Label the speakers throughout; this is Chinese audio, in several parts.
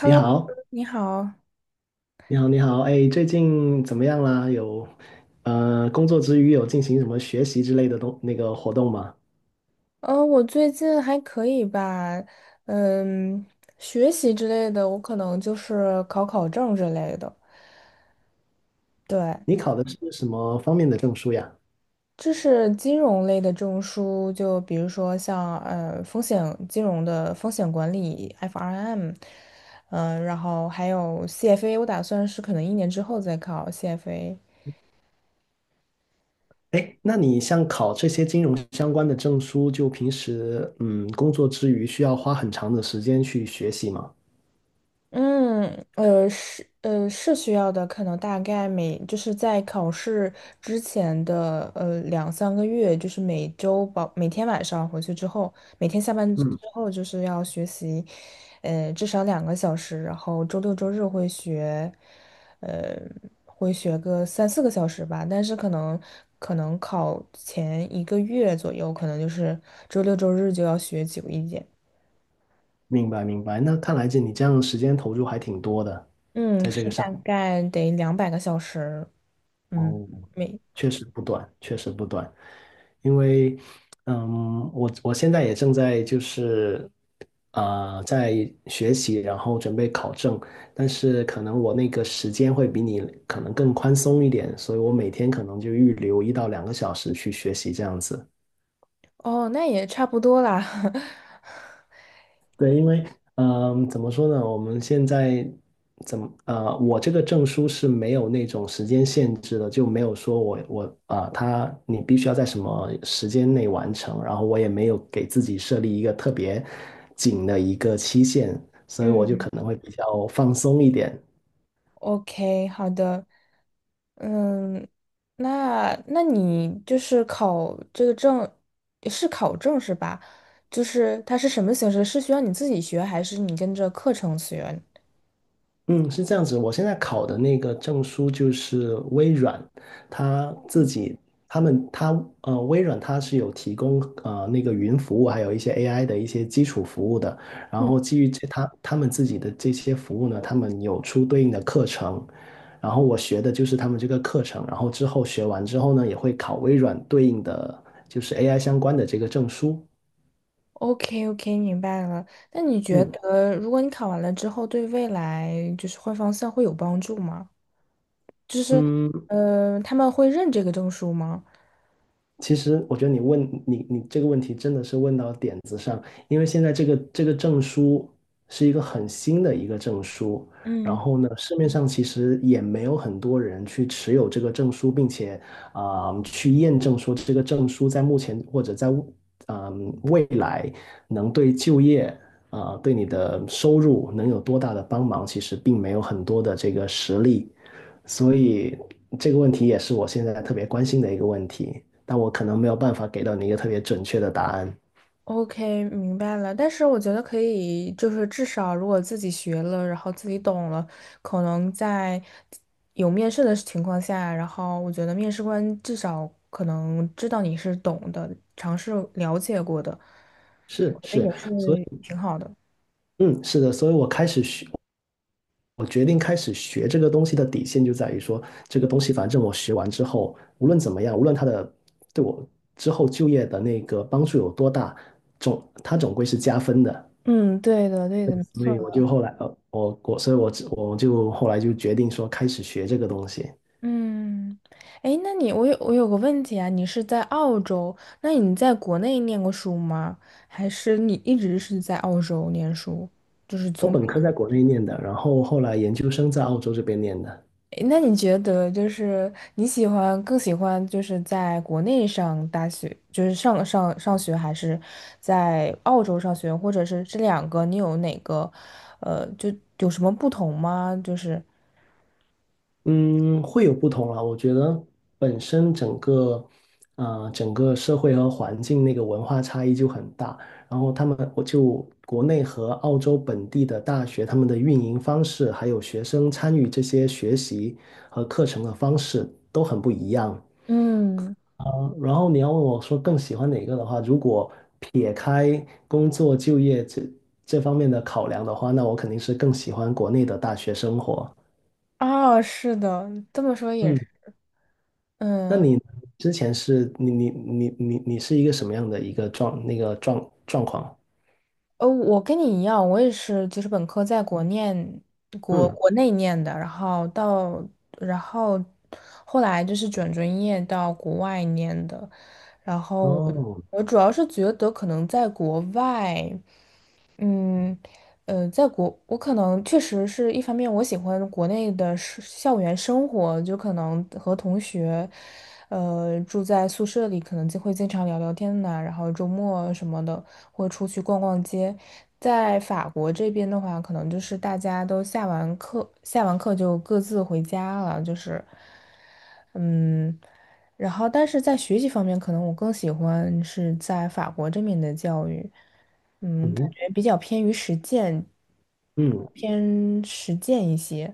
Speaker 1: 你 好，
Speaker 2: 你好。
Speaker 1: 你好，哎，最近怎么样啦？有，工作之余有进行什么学习之类的东那个活动吗？
Speaker 2: 我最近还可以吧，嗯，学习之类的，我可能就是考考证之类的。对，
Speaker 1: 你考的是什么方面的证书呀？
Speaker 2: 这是金融类的证书，就比如说像呃风险金融的风险管理（ （FRM），然后还有 CFA，我打算是可能一年之后再考 CFA。
Speaker 1: 哎，那你像考这些金融相关的证书，就平时工作之余需要花很长的时间去学习吗？
Speaker 2: 嗯，是需要的，可能大概就是在考试之前的2、3个月，就是每周保每天晚上回去之后，每天下班之
Speaker 1: 嗯，
Speaker 2: 后就是要学习，至少2个小时，然后周六周日呃，会学个3、4个小时吧，但是可能考前一个月左右，可能就是周六周日就要学久一点，
Speaker 1: 明白明白。那看来你这样的时间投入还挺多的，
Speaker 2: 嗯，
Speaker 1: 在这
Speaker 2: 是
Speaker 1: 个
Speaker 2: 大
Speaker 1: 上。
Speaker 2: 概得200个小时。嗯，
Speaker 1: 哦，
Speaker 2: 没，
Speaker 1: 确实不短，确实不短，因为，嗯，我现在也正在在学习，然后准备考证，但是可能我那个时间会比你可能更宽松一点，所以我每天可能就预留一到两个小时去学习这样子。
Speaker 2: 哦，那也差不多啦。
Speaker 1: 对，因为怎么说呢？我们现在我这个证书是没有那种时间限制的，就没有说我我啊、呃，他你必须要在什么时间内完成，然后我也没有给自己设立一个特别紧的一个期限，所以我就可
Speaker 2: 嗯，
Speaker 1: 能会比较放松一点。
Speaker 2: OK，好的。嗯，那你就是考这个证，是考证是吧？就是它是什么形式？是需要你自己学，还是你跟着课程学？
Speaker 1: 嗯，是这样子。我现在考的那个证书就是微软，它自己，他们，它，呃，微软它是有提供那个云服务，还有一些 AI 的一些基础服务的。然
Speaker 2: 嗯，
Speaker 1: 后基于这，他们自己的这些服务呢，他们有出对应的课程。然后我学的就是他们这个课程，然后之后学完之后呢，也会考微软对应的就是 AI 相关的这个证书。
Speaker 2: ？OK OK，明白了。那你觉
Speaker 1: 嗯
Speaker 2: 得，如果你考完了之后，对未来就是换方向会有帮助吗？
Speaker 1: 嗯，
Speaker 2: 嗯，他们会认这个证书吗？
Speaker 1: 其实我觉得你这个问题真的是问到点子上，因为现在这个证书是一个很新的一个证书，然
Speaker 2: 嗯。
Speaker 1: 后呢，市面上其实也没有很多人去持有这个证书，并且去验证说这个证书在目前或者在未来能对就业对你的收入能有多大的帮忙，其实并没有很多的这个实例，所以这个问题也是我现在特别关心的一个问题，但我可能没有办法给到你一个特别准确的答案。
Speaker 2: OK，明白了。但是我觉得可以，就是至少如果自己学了，然后自己懂了，可能在有面试的情况下，然后我觉得面试官至少可能知道你是懂的，尝试了解过的，
Speaker 1: 是
Speaker 2: 我觉得
Speaker 1: 是，
Speaker 2: 也是
Speaker 1: 所以
Speaker 2: 挺好的。
Speaker 1: 嗯，是的，所以我开始学，我决定开始学这个东西的底线就在于说，这个东西反正我学完之后，无论怎么样，无论它的对我之后就业的那个帮助有多大，它总归是加分的。
Speaker 2: 嗯，对的，对
Speaker 1: 对，
Speaker 2: 的，没
Speaker 1: 所
Speaker 2: 错
Speaker 1: 以我
Speaker 2: 的。
Speaker 1: 就后来，呃，我我所以我我就后来就决定说开始学这个东西。
Speaker 2: 嗯，哎，那你我有我有个问题啊，你是在澳洲，那你在国内念过书吗？还是你一直是在澳洲念书？就是
Speaker 1: 我
Speaker 2: 从。
Speaker 1: 本科在国内念的，然后后来研究生在澳洲这边念的。
Speaker 2: 诶那你觉得就是你更喜欢就是在国内上大学，就是上学，还是在澳洲上学，或者是这两个你有哪个，就有什么不同吗？就是，
Speaker 1: 嗯，会有不同啊。我觉得本身整个，整个社会和环境那个文化差异就很大。然后他们，我就国内和澳洲本地的大学，他们的运营方式，还有学生参与这些学习和课程的方式都很不一样。
Speaker 2: 嗯，
Speaker 1: 然后你要问我说更喜欢哪个的话，如果撇开工作就业这方面的考量的话，那我肯定是更喜欢国内的大学生活。
Speaker 2: 啊，是的，这么说也
Speaker 1: 嗯，
Speaker 2: 是，
Speaker 1: 那
Speaker 2: 嗯，
Speaker 1: 你呢之前是你是一个什么样的一个状那个状状况？
Speaker 2: 我跟你一样，我也是，就是本科在
Speaker 1: 嗯，
Speaker 2: 国内念的，然后到然后后来就是转专业到国外念的，然后我
Speaker 1: 哦，
Speaker 2: 我主要是觉得可能在国外。嗯，我可能确实是一方面，我喜欢国内的是校园生活，就可能和同学，住在宿舍里，可能就会经常聊聊天呐、然后周末什么的会出去逛逛街。在法国这边的话，可能就是大家都下完课就各自回家了，就是。嗯，然后但是在学习方面，可能我更喜欢是在法国这面的教育，嗯，感
Speaker 1: 嗯
Speaker 2: 觉比较偏于实践，
Speaker 1: 嗯，
Speaker 2: 偏实践一些，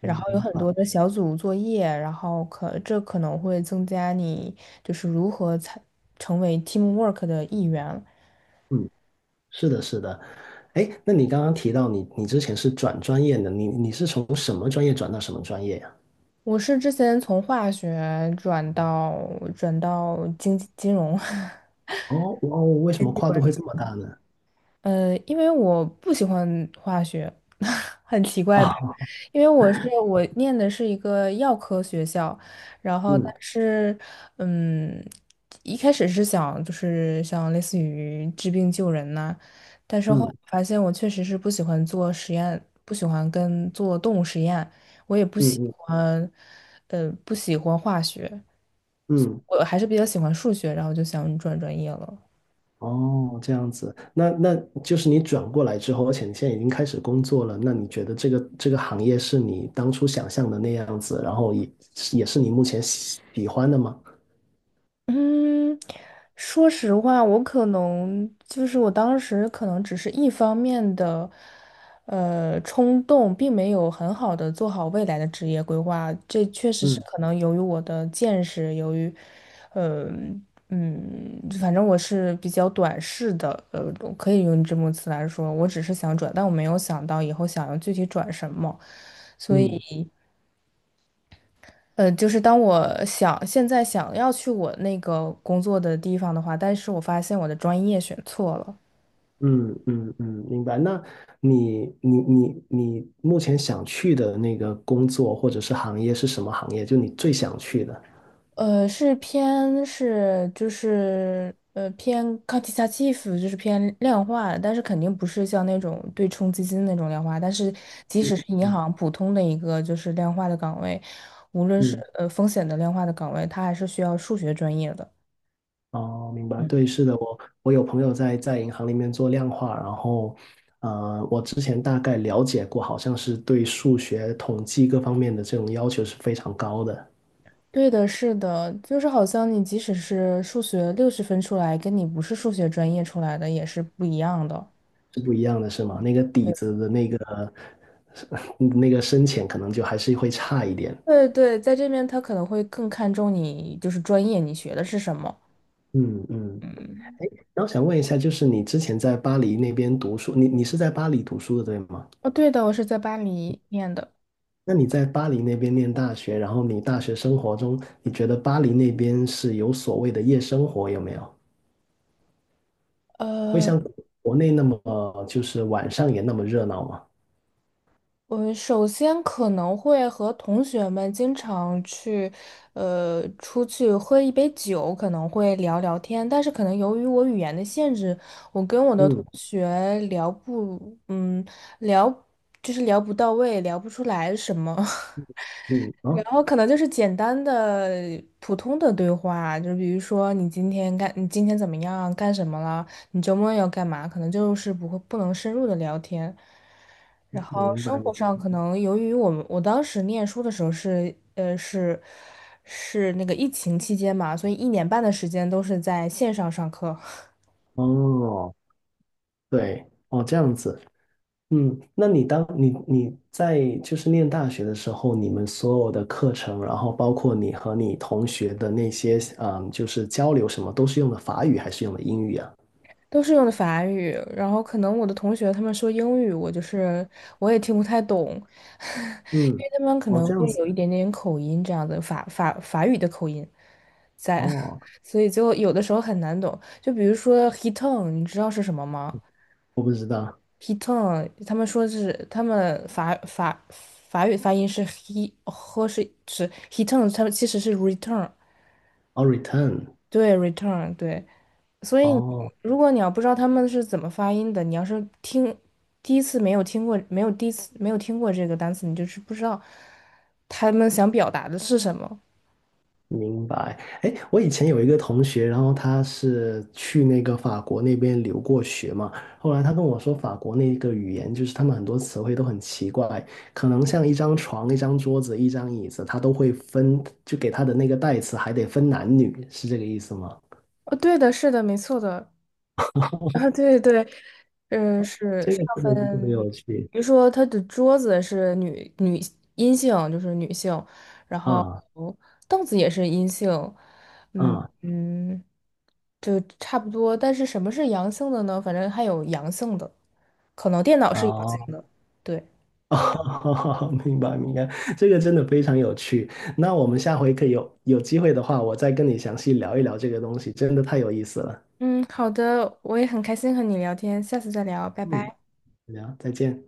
Speaker 2: 然后有
Speaker 1: 嗯
Speaker 2: 很
Speaker 1: 白。
Speaker 2: 多的小组作业，然后可能会增加你就是如何才成为 teamwork 的一员。
Speaker 1: 嗯，是的，是的。哎，那你刚刚提到你之前是转专业的，你是从什么专业转到什么专业呀？
Speaker 2: 我是之前从化学转到经济金融。
Speaker 1: 哦哦，为什么跨度会这 么大呢？
Speaker 2: 因为我不喜欢化学，很奇 怪吧？
Speaker 1: 啊，
Speaker 2: 因为我念的是一个药科学校，然后但
Speaker 1: 嗯。
Speaker 2: 是，嗯，一开始是想就是像类似于治病救人呐、但是后来
Speaker 1: 嗯
Speaker 2: 发现我确实是不喜欢做实验，不喜欢跟做动物实验，我也不
Speaker 1: 嗯
Speaker 2: 喜
Speaker 1: 嗯
Speaker 2: 欢，呃，不喜欢化学，
Speaker 1: 嗯，
Speaker 2: 我还是比较喜欢数学，然后就想转专业了。
Speaker 1: 哦，这样子，那那就是你转过来之后，而且你现在已经开始工作了，那你觉得这个行业是你当初想象的那样子，然后也也是你目前喜欢的吗？
Speaker 2: 嗯，说实话，我可能就是我当时可能只是一方面的，冲动，并没有很好的做好未来的职业规划。这确实是
Speaker 1: 嗯
Speaker 2: 可能由于我的见识，由于，呃，嗯，反正我是比较短视的，可以用这么词来说，我只是想转，但我没有想到以后想要具体转什么。所以。
Speaker 1: 嗯
Speaker 2: 就是当现在想要去我那个工作的地方的话，但是我发现我的专业选错了，
Speaker 1: 嗯嗯嗯，明白。那你目前想去的那个工作或者是行业是什么行业？就你最想去的？
Speaker 2: 呃，是偏是就是呃偏 quantitative，就是偏量化的，但是肯定不是像那种对冲基金那种量化，但是即使是银行普通的一个就是量化的岗位，无论是
Speaker 1: 嗯。
Speaker 2: 风险的量化的岗位，它还是需要数学专业的。
Speaker 1: 哦，明白，对，是的，我有朋友在在银行里面做量化，然后，我之前大概了解过，好像是对数学、统计各方面的这种要求是非常高的，
Speaker 2: 对的，是的，就是好像你即使是数学60分出来，跟你不是数学专业出来的也是不一样的。
Speaker 1: 是不一样的，是吗？那个底
Speaker 2: 对
Speaker 1: 子的那个 那个深浅，可能就还是会差一点。
Speaker 2: 对对，在这边他可能会更看重你就是专业，你学的是什么。
Speaker 1: 嗯嗯，
Speaker 2: 嗯，
Speaker 1: 哎，那我想问一下，就是你之前在巴黎那边读书，你是在巴黎读书的，对吗？
Speaker 2: 哦，对的，我是在巴黎念的。
Speaker 1: 那你在巴黎那边念大学，然后你大学生活中，你觉得巴黎那边是有所谓的夜生活有没有？会
Speaker 2: 呃。
Speaker 1: 像国内那么，就是晚上也那么热闹吗？
Speaker 2: 我首先可能会和同学们经常去，出去喝一杯酒，可能会聊聊天。但是可能由于我语言的限制，我跟我的同
Speaker 1: 嗯
Speaker 2: 学聊不，聊就是聊不到位，聊不出来什么。
Speaker 1: 嗯，
Speaker 2: 然
Speaker 1: 哦，
Speaker 2: 后可能就是简单的普通的对话，就比如说你今天怎么样，干什么了？你周末要干嘛？可能就是不会不能深入的聊天。然后
Speaker 1: 明白
Speaker 2: 生
Speaker 1: 明
Speaker 2: 活
Speaker 1: 白，
Speaker 2: 上可能由于我当时念书的时候是那个疫情期间嘛，所以1年半的时间都是在线上上课，
Speaker 1: 哦，对哦，这样子，嗯，那你当你你在就是念大学的时候，你们所有的课程，然后包括你和你同学的那些，嗯，就是交流什么，都是用的法语还是用的英语啊？
Speaker 2: 都是用的法语。然后可能我的同学他们说英语，我就是也听不太懂，因
Speaker 1: 嗯，
Speaker 2: 为他们可
Speaker 1: 哦，
Speaker 2: 能
Speaker 1: 这样
Speaker 2: 会
Speaker 1: 子，
Speaker 2: 有一点点口音这样的法语的口音在，
Speaker 1: 哦，
Speaker 2: 所以就有的时候很难懂。就比如说 hitung，你知道是什么吗？
Speaker 1: 我不知道。
Speaker 2: He t o n 他们说是他们法语发音是 he 和是 heton，他们其实是 return，
Speaker 1: 哦，return,
Speaker 2: 对 return 对。所以
Speaker 1: 哦，
Speaker 2: 如果你要不知道他们是怎么发音的，你要是听第一次没有听过，没有第一次没有听过这个单词，你就是不知道他们想表达的是什么。
Speaker 1: 明白。哎，我以前有一个同学，然后他是去那个法国那边留过学嘛，后来他跟我说，法国那个语言就是他们很多词汇都很奇怪，可能像一张床、一张桌子、一张椅子，他都会分，就给他的那个代词还得分男女，是这个意思吗？
Speaker 2: 哦，对的，是的，没错的。啊，对对，嗯，是
Speaker 1: 这
Speaker 2: 上
Speaker 1: 个真的是特别
Speaker 2: 分，
Speaker 1: 有趣
Speaker 2: 比如说他的桌子是阴性，就是女性，然后
Speaker 1: 啊
Speaker 2: 凳子也是阴性，嗯
Speaker 1: 啊！
Speaker 2: 嗯，就差不多。但是什么是阳性的呢？反正还有阳性的，可能电脑是阳性
Speaker 1: 哦
Speaker 2: 的。对，
Speaker 1: 哦，明白明白，这个真的非常有趣。那我们下回可以有有机会的话，我再跟你详细聊一聊这个东西，真的太有意思了。
Speaker 2: 嗯，好的，我也很开心和你聊天，下次再聊，拜
Speaker 1: 嗯，
Speaker 2: 拜。
Speaker 1: 聊，再见。